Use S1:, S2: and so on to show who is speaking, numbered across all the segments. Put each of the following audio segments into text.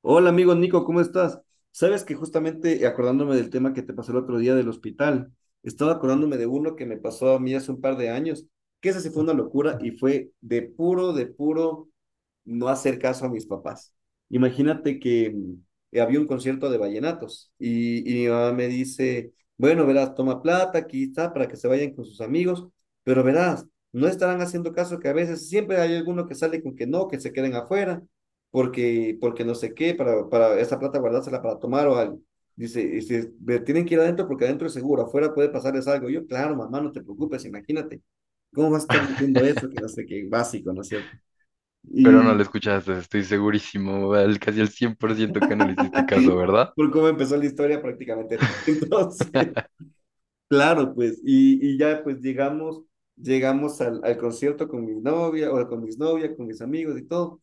S1: Hola amigo Nico, ¿cómo estás? Sabes que justamente acordándome del tema que te pasó el otro día del hospital, estaba acordándome de uno que me pasó a mí hace un par de años, que esa sí fue una locura y fue de puro no hacer caso a mis papás. Imagínate que había un concierto de vallenatos y mi mamá me dice, bueno, verás, toma plata, aquí está, para que se vayan con sus amigos, pero verás, no estarán haciendo caso que a veces siempre hay alguno que sale con que no, que se queden afuera porque no sé qué, para esa plata guardársela para tomar o algo. Dice, "Ve, tienen que ir adentro porque adentro es seguro, afuera puede pasarles algo". Yo, claro, mamá, no te preocupes, imagínate. ¿Cómo vas a estar diciendo eso? Que no sé qué, básico, ¿no es cierto?
S2: Pero no lo
S1: Y
S2: escuchaste, estoy segurísimo, casi el 100% que no le hiciste caso, ¿verdad?
S1: por cómo empezó la historia, prácticamente no. Entonces, claro, pues, ya pues llegamos, llegamos al concierto con mi novia, o con mis novias, con mis amigos y todo.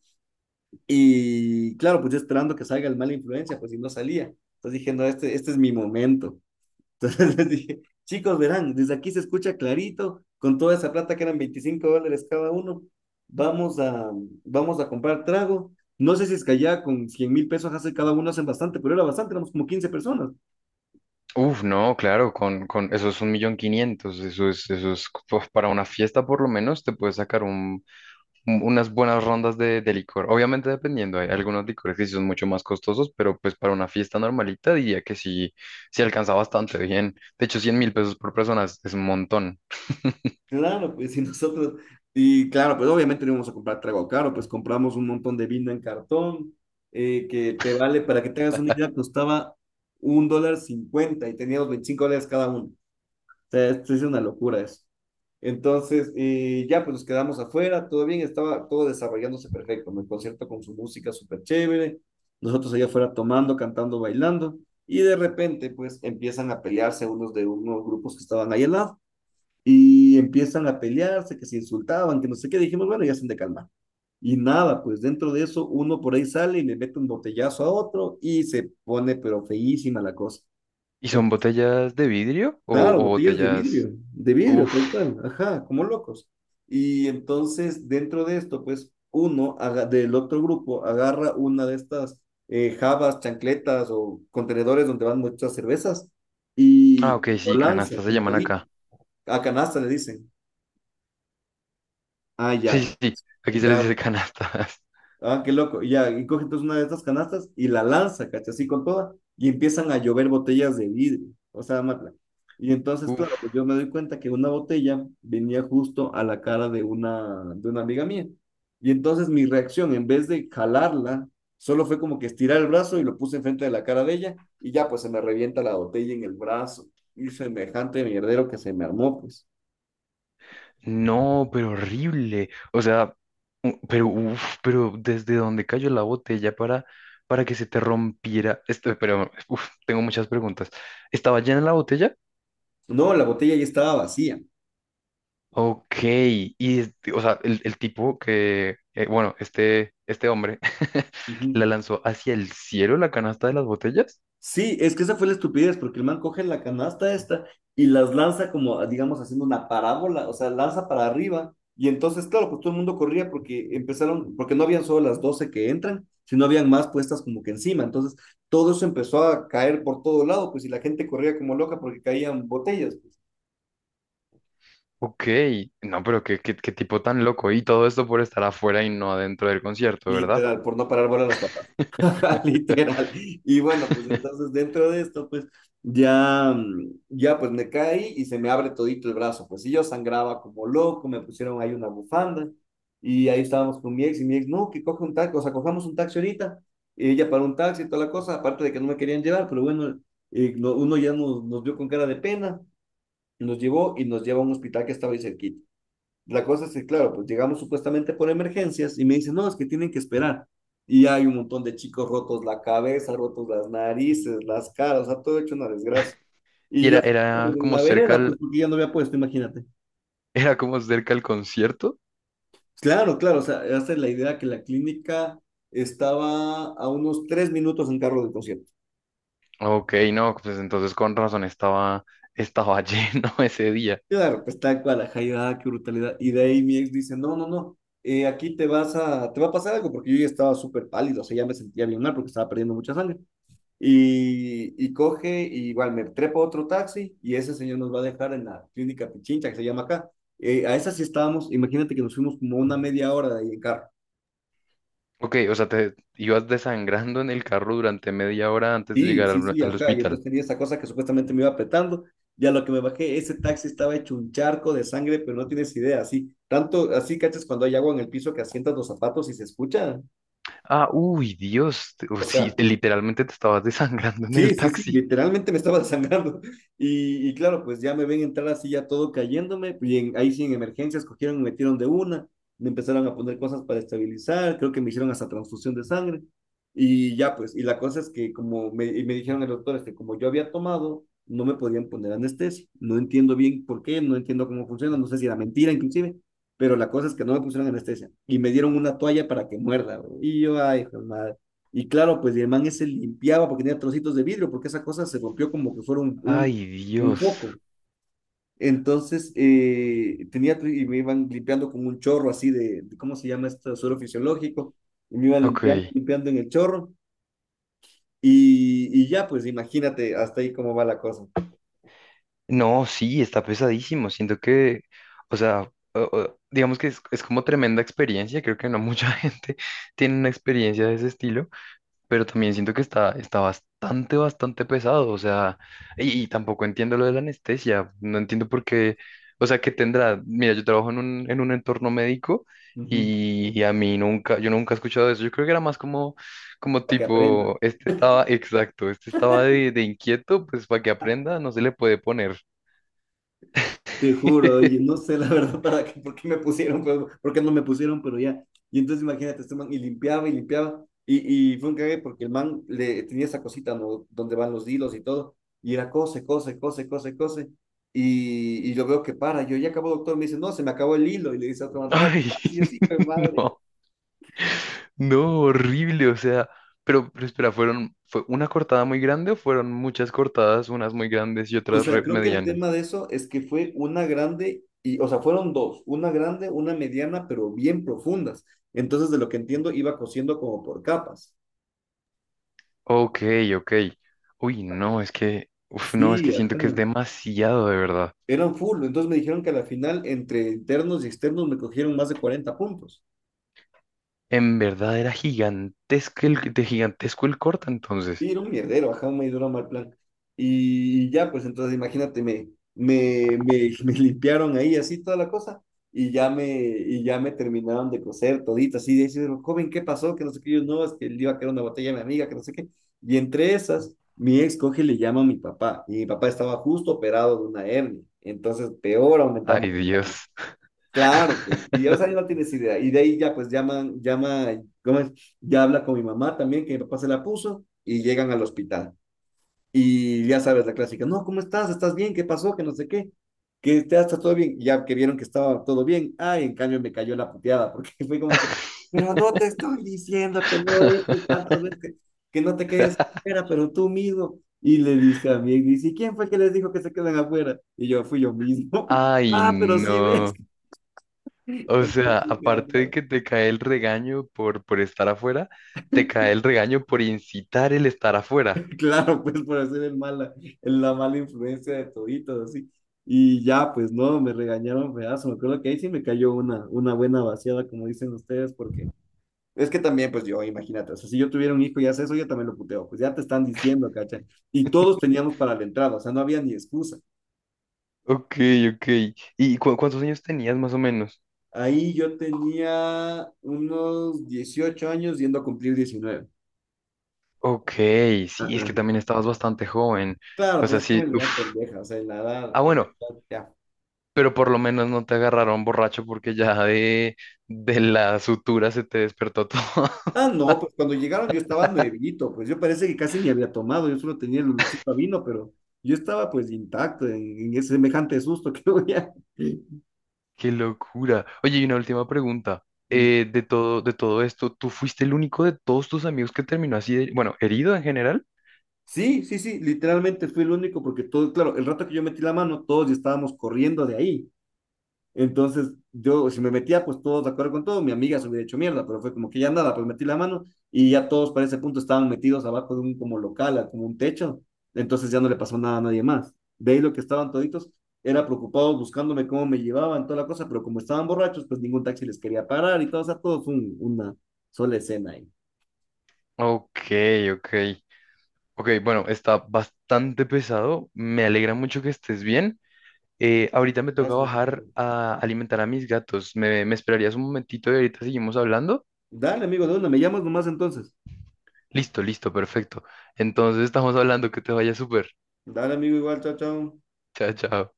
S1: Y claro, pues yo esperando que salga el mala influencia, pues si no salía. Entonces dije, no, este es mi momento. Entonces les dije, chicos, verán, desde aquí se escucha clarito, con toda esa plata que eran $25 cada uno, vamos a, vamos a comprar trago. No sé si es que allá con 100.000 pesos hace cada uno hacen bastante, pero era bastante, éramos como 15 personas.
S2: Uf, no, claro, con eso es 1.500.000, eso es pues, para una fiesta por lo menos te puedes sacar unas buenas rondas de licor. Obviamente dependiendo, hay algunos licores que sí son mucho más costosos, pero pues para una fiesta normalita diría que sí, sí alcanza bastante bien. De hecho, 100.000 pesos por persona es un montón.
S1: Claro, pues y nosotros, y claro, pues obviamente no íbamos a comprar trago caro, pues compramos un montón de vino en cartón, que te vale, para que tengas una idea, costaba $1,50 y teníamos $25 cada uno. O sea, esto es una locura eso. Entonces, ya pues nos quedamos afuera, todo bien, estaba todo desarrollándose perfecto, ¿no? El concierto con su música súper chévere, nosotros allá afuera tomando, cantando, bailando, y de repente pues empiezan a pelearse unos de unos grupos que estaban ahí al lado. Y empiezan a pelearse, que se insultaban, que no sé qué. Dijimos, bueno, ya se han de calmar. Y nada, pues dentro de eso uno por ahí sale y le mete un botellazo a otro y se pone pero feísima la cosa.
S2: ¿Y
S1: En-
S2: son botellas de vidrio o,
S1: claro,
S2: o
S1: botellas
S2: botellas?
S1: de vidrio,
S2: Uf,
S1: tal cual, ajá, como locos. Y entonces dentro de esto, pues del otro grupo agarra una de estas jabas, chancletas o contenedores donde van muchas cervezas
S2: ah,
S1: y
S2: ok,
S1: lo
S2: sí,
S1: lanza
S2: canastas se
S1: con
S2: llaman
S1: todito.
S2: acá.
S1: A canasta le dicen. Ah,
S2: Sí,
S1: ya.
S2: sí, sí, aquí se les
S1: Ya,
S2: dice canastas.
S1: ah, qué loco. Ya, y coge entonces una de estas canastas y la lanza, ¿cachai? Así con toda. Y empiezan a llover botellas de vidrio, o sea, Matla. Y entonces,
S2: Uf,
S1: claro, pues yo me doy cuenta que una botella venía justo a la cara de de una amiga mía. Y entonces mi reacción, en vez de jalarla, solo fue como que estirar el brazo y lo puse enfrente de la cara de ella. Y ya, pues se me revienta la botella en el brazo. Y semejante mierdero que se me armó, pues.
S2: no, pero horrible. O sea, pero uf, pero desde donde cayó la botella para que se te rompiera. Esto, pero uf, tengo muchas preguntas. ¿Estaba llena la botella?
S1: No, la botella ya estaba vacía.
S2: Ok, y este, o sea, el tipo que, bueno, este hombre la
S1: Ujú.
S2: lanzó hacia el cielo la canasta de las botellas.
S1: Sí, es que esa fue la estupidez, porque el man coge la canasta esta y las lanza como, digamos, haciendo una parábola, o sea, lanza para arriba. Y entonces, claro, pues todo el mundo corría porque empezaron, porque no habían solo las 12 que entran, sino habían más puestas como que encima. Entonces, todo eso empezó a caer por todo lado, pues, y la gente corría como loca porque caían botellas, pues,
S2: Ok, no, pero qué, qué, qué tipo tan loco. Y todo esto por estar afuera y no adentro del concierto, ¿verdad?
S1: literal, por no parar bola a los papás. Literal. Y bueno, pues entonces dentro de esto, pues ya, ya pues me caí y se me abre todito el brazo. Pues y yo sangraba como loco, me pusieron ahí una bufanda y ahí estábamos con mi ex y mi ex, no, que coja un taxi, o sea, cojamos un taxi ahorita. Y ella para un taxi y toda la cosa, aparte de que no me querían llevar, pero bueno, uno ya nos, nos vio con cara de pena, nos llevó y nos llevó a un hospital que estaba ahí cerquita. La cosa es que, claro, pues llegamos supuestamente por emergencias y me dicen, no, es que tienen que esperar. Y hay un montón de chicos rotos la cabeza, rotos las narices, las caras, o sea, todo hecho una desgracia.
S2: Y
S1: Y
S2: era,
S1: yo pues,
S2: era
S1: en
S2: como
S1: la
S2: cerca
S1: vereda, pues
S2: al,
S1: porque ya no había puesto, imagínate.
S2: era como cerca al concierto.
S1: Claro, claro, o sea, esa es la idea que la clínica estaba a unos 3 minutos en carro del concierto.
S2: Ok, no, pues entonces estaba lleno ese día.
S1: Claro, pues tal cual, ajá, y, ah, qué brutalidad. Y de ahí mi ex dice, no, no, no, aquí te vas a, te va a pasar algo, porque yo ya estaba súper pálido, o sea, ya me sentía bien mal porque estaba perdiendo mucha sangre. Y coge, y igual me trepa otro taxi y ese señor nos va a dejar en la clínica Pichincha, que se llama acá. A esa sí estábamos, imagínate que nos fuimos como una media hora de ahí en carro.
S2: Ok, o sea, te ibas desangrando en el carro durante media hora antes de
S1: Sí,
S2: llegar
S1: sí,
S2: al,
S1: sí,
S2: al
S1: ajá. Y
S2: hospital.
S1: entonces tenía esa cosa que supuestamente me iba apretando. Ya lo que me bajé, ese taxi estaba hecho un charco de sangre, pero no tienes idea, así. Tanto, así, cachas, cuando hay agua en el piso que asientas los zapatos y se escucha.
S2: Ah, uy, Dios, oh,
S1: O
S2: sí,
S1: sea,
S2: literalmente te estabas desangrando en
S1: sí,
S2: el
S1: sí, sí,
S2: taxi.
S1: literalmente me estaba sangrando. Y claro, pues ya me ven entrar así ya todo cayéndome. Ahí sí en emergencias cogieron y me metieron de una. Me empezaron a poner cosas para estabilizar. Creo que me hicieron hasta transfusión de sangre. Y ya pues, y la cosa es que como me dijeron el doctor, es que como yo había tomado, no me podían poner anestesia. No entiendo bien por qué, no entiendo cómo funciona, no sé si era mentira inclusive. Pero la cosa es que no me pusieron anestesia. Y me dieron una toalla para que muerda. Güey. Y yo, ay, hijo de madre. Y claro, pues y el man ese limpiaba porque tenía trocitos de vidrio, porque esa cosa se rompió como que fuera
S2: Ay,
S1: un
S2: Dios.
S1: foco. Entonces, y me iban limpiando con un chorro así ¿cómo se llama esto? Suelo fisiológico. Y me iban limpiando,
S2: Ok.
S1: limpiando en el chorro. Y ya, pues imagínate hasta ahí cómo va la cosa.
S2: No, sí, está pesadísimo. Siento que, o sea, digamos que es como tremenda experiencia. Creo que no mucha gente tiene una experiencia de ese estilo, pero también siento que está bastante, bastante pesado, o sea, y tampoco entiendo lo de la anestesia, no entiendo por qué, o sea, que tendrá, mira, yo trabajo en un entorno médico
S1: Ujú.
S2: y a mí nunca, yo nunca he escuchado eso, yo creo que era más como, como
S1: Para que aprendas.
S2: tipo, exacto, este estaba de inquieto, pues para que aprenda, no se le puede poner.
S1: Te juro, oye, no sé la verdad para qué, por qué me pusieron, pero, por qué no me pusieron, pero ya. Y entonces imagínate, este man, y limpiaba y limpiaba, y fue un cague porque el man le tenía esa cosita, ¿no? Donde van los hilos y todo, y era cose, cose, cose, cose, cose, y yo veo que para, yo ya acabó, doctor, me dice, no, se me acabó el hilo, y le dice a otro man, trae,
S2: Ay,
S1: más", y así, pues madre.
S2: no. No, horrible, o sea, pero espera, ¿fueron, fue una cortada muy grande o fueron muchas cortadas, unas muy grandes y
S1: O
S2: otras
S1: sea, creo que el tema
S2: medianas?
S1: de eso es que fue una grande, y, o sea, fueron dos, una grande, una mediana, pero bien profundas. Entonces, de lo que entiendo, iba cosiendo como por capas.
S2: Ok, ok. Uy, no, es que, uf, no, es que
S1: Sí,
S2: siento
S1: ajá.
S2: que es demasiado, de verdad.
S1: Eran full. Entonces me dijeron que a la final, entre internos y externos, me cogieron más de 40 puntos.
S2: En verdad era gigantesco el, de gigantesco el corta, entonces.
S1: Y era un mierdero, ajá, me duró mal plan. Y ya, pues entonces imagínate, me limpiaron ahí así toda la cosa. Y ya me terminaron de coser todita, así de decir, joven, ¿qué pasó? Que no sé qué, yo no, es que le iba a quedar una botella a mi amiga, que no sé qué. Y entre esas, mi ex coge y le llama a mi papá. Y mi papá estaba justo operado de una hernia. Entonces, peor
S2: Ay,
S1: aumentamos.
S2: Dios.
S1: Claro, pues, y ya, o sea, ya no tienes idea. Y de ahí ya, pues llama, ¿cómo es? Ya habla con mi mamá también, que mi papá se la puso, y llegan al hospital. Y ya sabes la clásica, no, ¿cómo estás? ¿Estás bien? ¿Qué pasó? Que no sé qué. Que te está todo bien. Y ya que vieron que estaba todo bien. Ay, en cambio me cayó la puteada, porque fue como que, pero no te estoy diciendo que no es que tantas veces que no te quedes afuera, pero tú mismo. Y le dice a mí, y dice, ¿quién fue el que les dijo que se quedan afuera? Y yo, fui yo mismo.
S2: Ay,
S1: Ah, pero sí ves.
S2: no. O sea,
S1: Entonces, ya
S2: aparte de
S1: andaba-
S2: que te cae el regaño por estar afuera, te cae el regaño por incitar el estar afuera.
S1: claro, pues por hacer el mala, la mala influencia de toditos, así. Y ya, pues no, me regañaron pedazo. Me acuerdo que ahí sí me cayó una buena vaciada, como dicen ustedes, porque es que también, pues yo, imagínate, o sea, si yo tuviera un hijo y hace eso, yo también lo puteo, pues ya te están diciendo, cacha. Y todos teníamos para la entrada, o sea, no había ni excusa.
S2: Ok, ok. ¿Y cuántos años tenías más o menos?
S1: Ahí yo tenía unos 18 años yendo a cumplir 19.
S2: Ok,
S1: Ah,
S2: sí, es que
S1: ah.
S2: también estabas bastante joven.
S1: Claro,
S2: O
S1: pues
S2: sea,
S1: estaba
S2: sí,
S1: en la edad
S2: uf.
S1: pendeja, o sea,
S2: Ah,
S1: en la
S2: bueno,
S1: edad ya.
S2: pero por lo menos no te agarraron borracho porque ya de la sutura se te despertó todo.
S1: Ah, no, pues cuando llegaron yo estaba nuevito, pues yo parece que casi ni había tomado, yo solo tenía el olorcito a vino, pero yo estaba pues intacto en ese semejante susto que había.
S2: Qué locura. Oye, y una última pregunta.
S1: Mm.
S2: De todo esto, ¿tú fuiste el único de todos tus amigos que terminó así, bueno, herido en general?
S1: Sí, sí, sí, literalmente fui el único porque todo, claro, el rato que yo metí la mano, todos ya estábamos corriendo de ahí. Entonces, yo, si me metía, pues todos de acuerdo con todo, mi amiga se hubiera hecho mierda, pero fue como que ya nada, pues metí la mano y ya todos para ese punto estaban metidos abajo de un como local, como un techo, entonces ya no le pasó nada a nadie más. De ahí lo que estaban toditos, era preocupados buscándome cómo me llevaban, toda la cosa, pero como estaban borrachos, pues ningún taxi les quería parar y todo, o sea, todo fue una sola escena ahí.
S2: Ok, ok. Ok, bueno, está bastante pesado. Me alegra mucho que estés bien. Ahorita me toca
S1: Gracias.
S2: bajar a alimentar a mis gatos. Me esperarías un momentito y ahorita seguimos hablando?
S1: Dale, amigo, de una, me llamas nomás entonces.
S2: Listo, listo, perfecto. Entonces estamos hablando, que te vaya súper.
S1: Dale, amigo, igual, chao, chao.
S2: Chao, chao.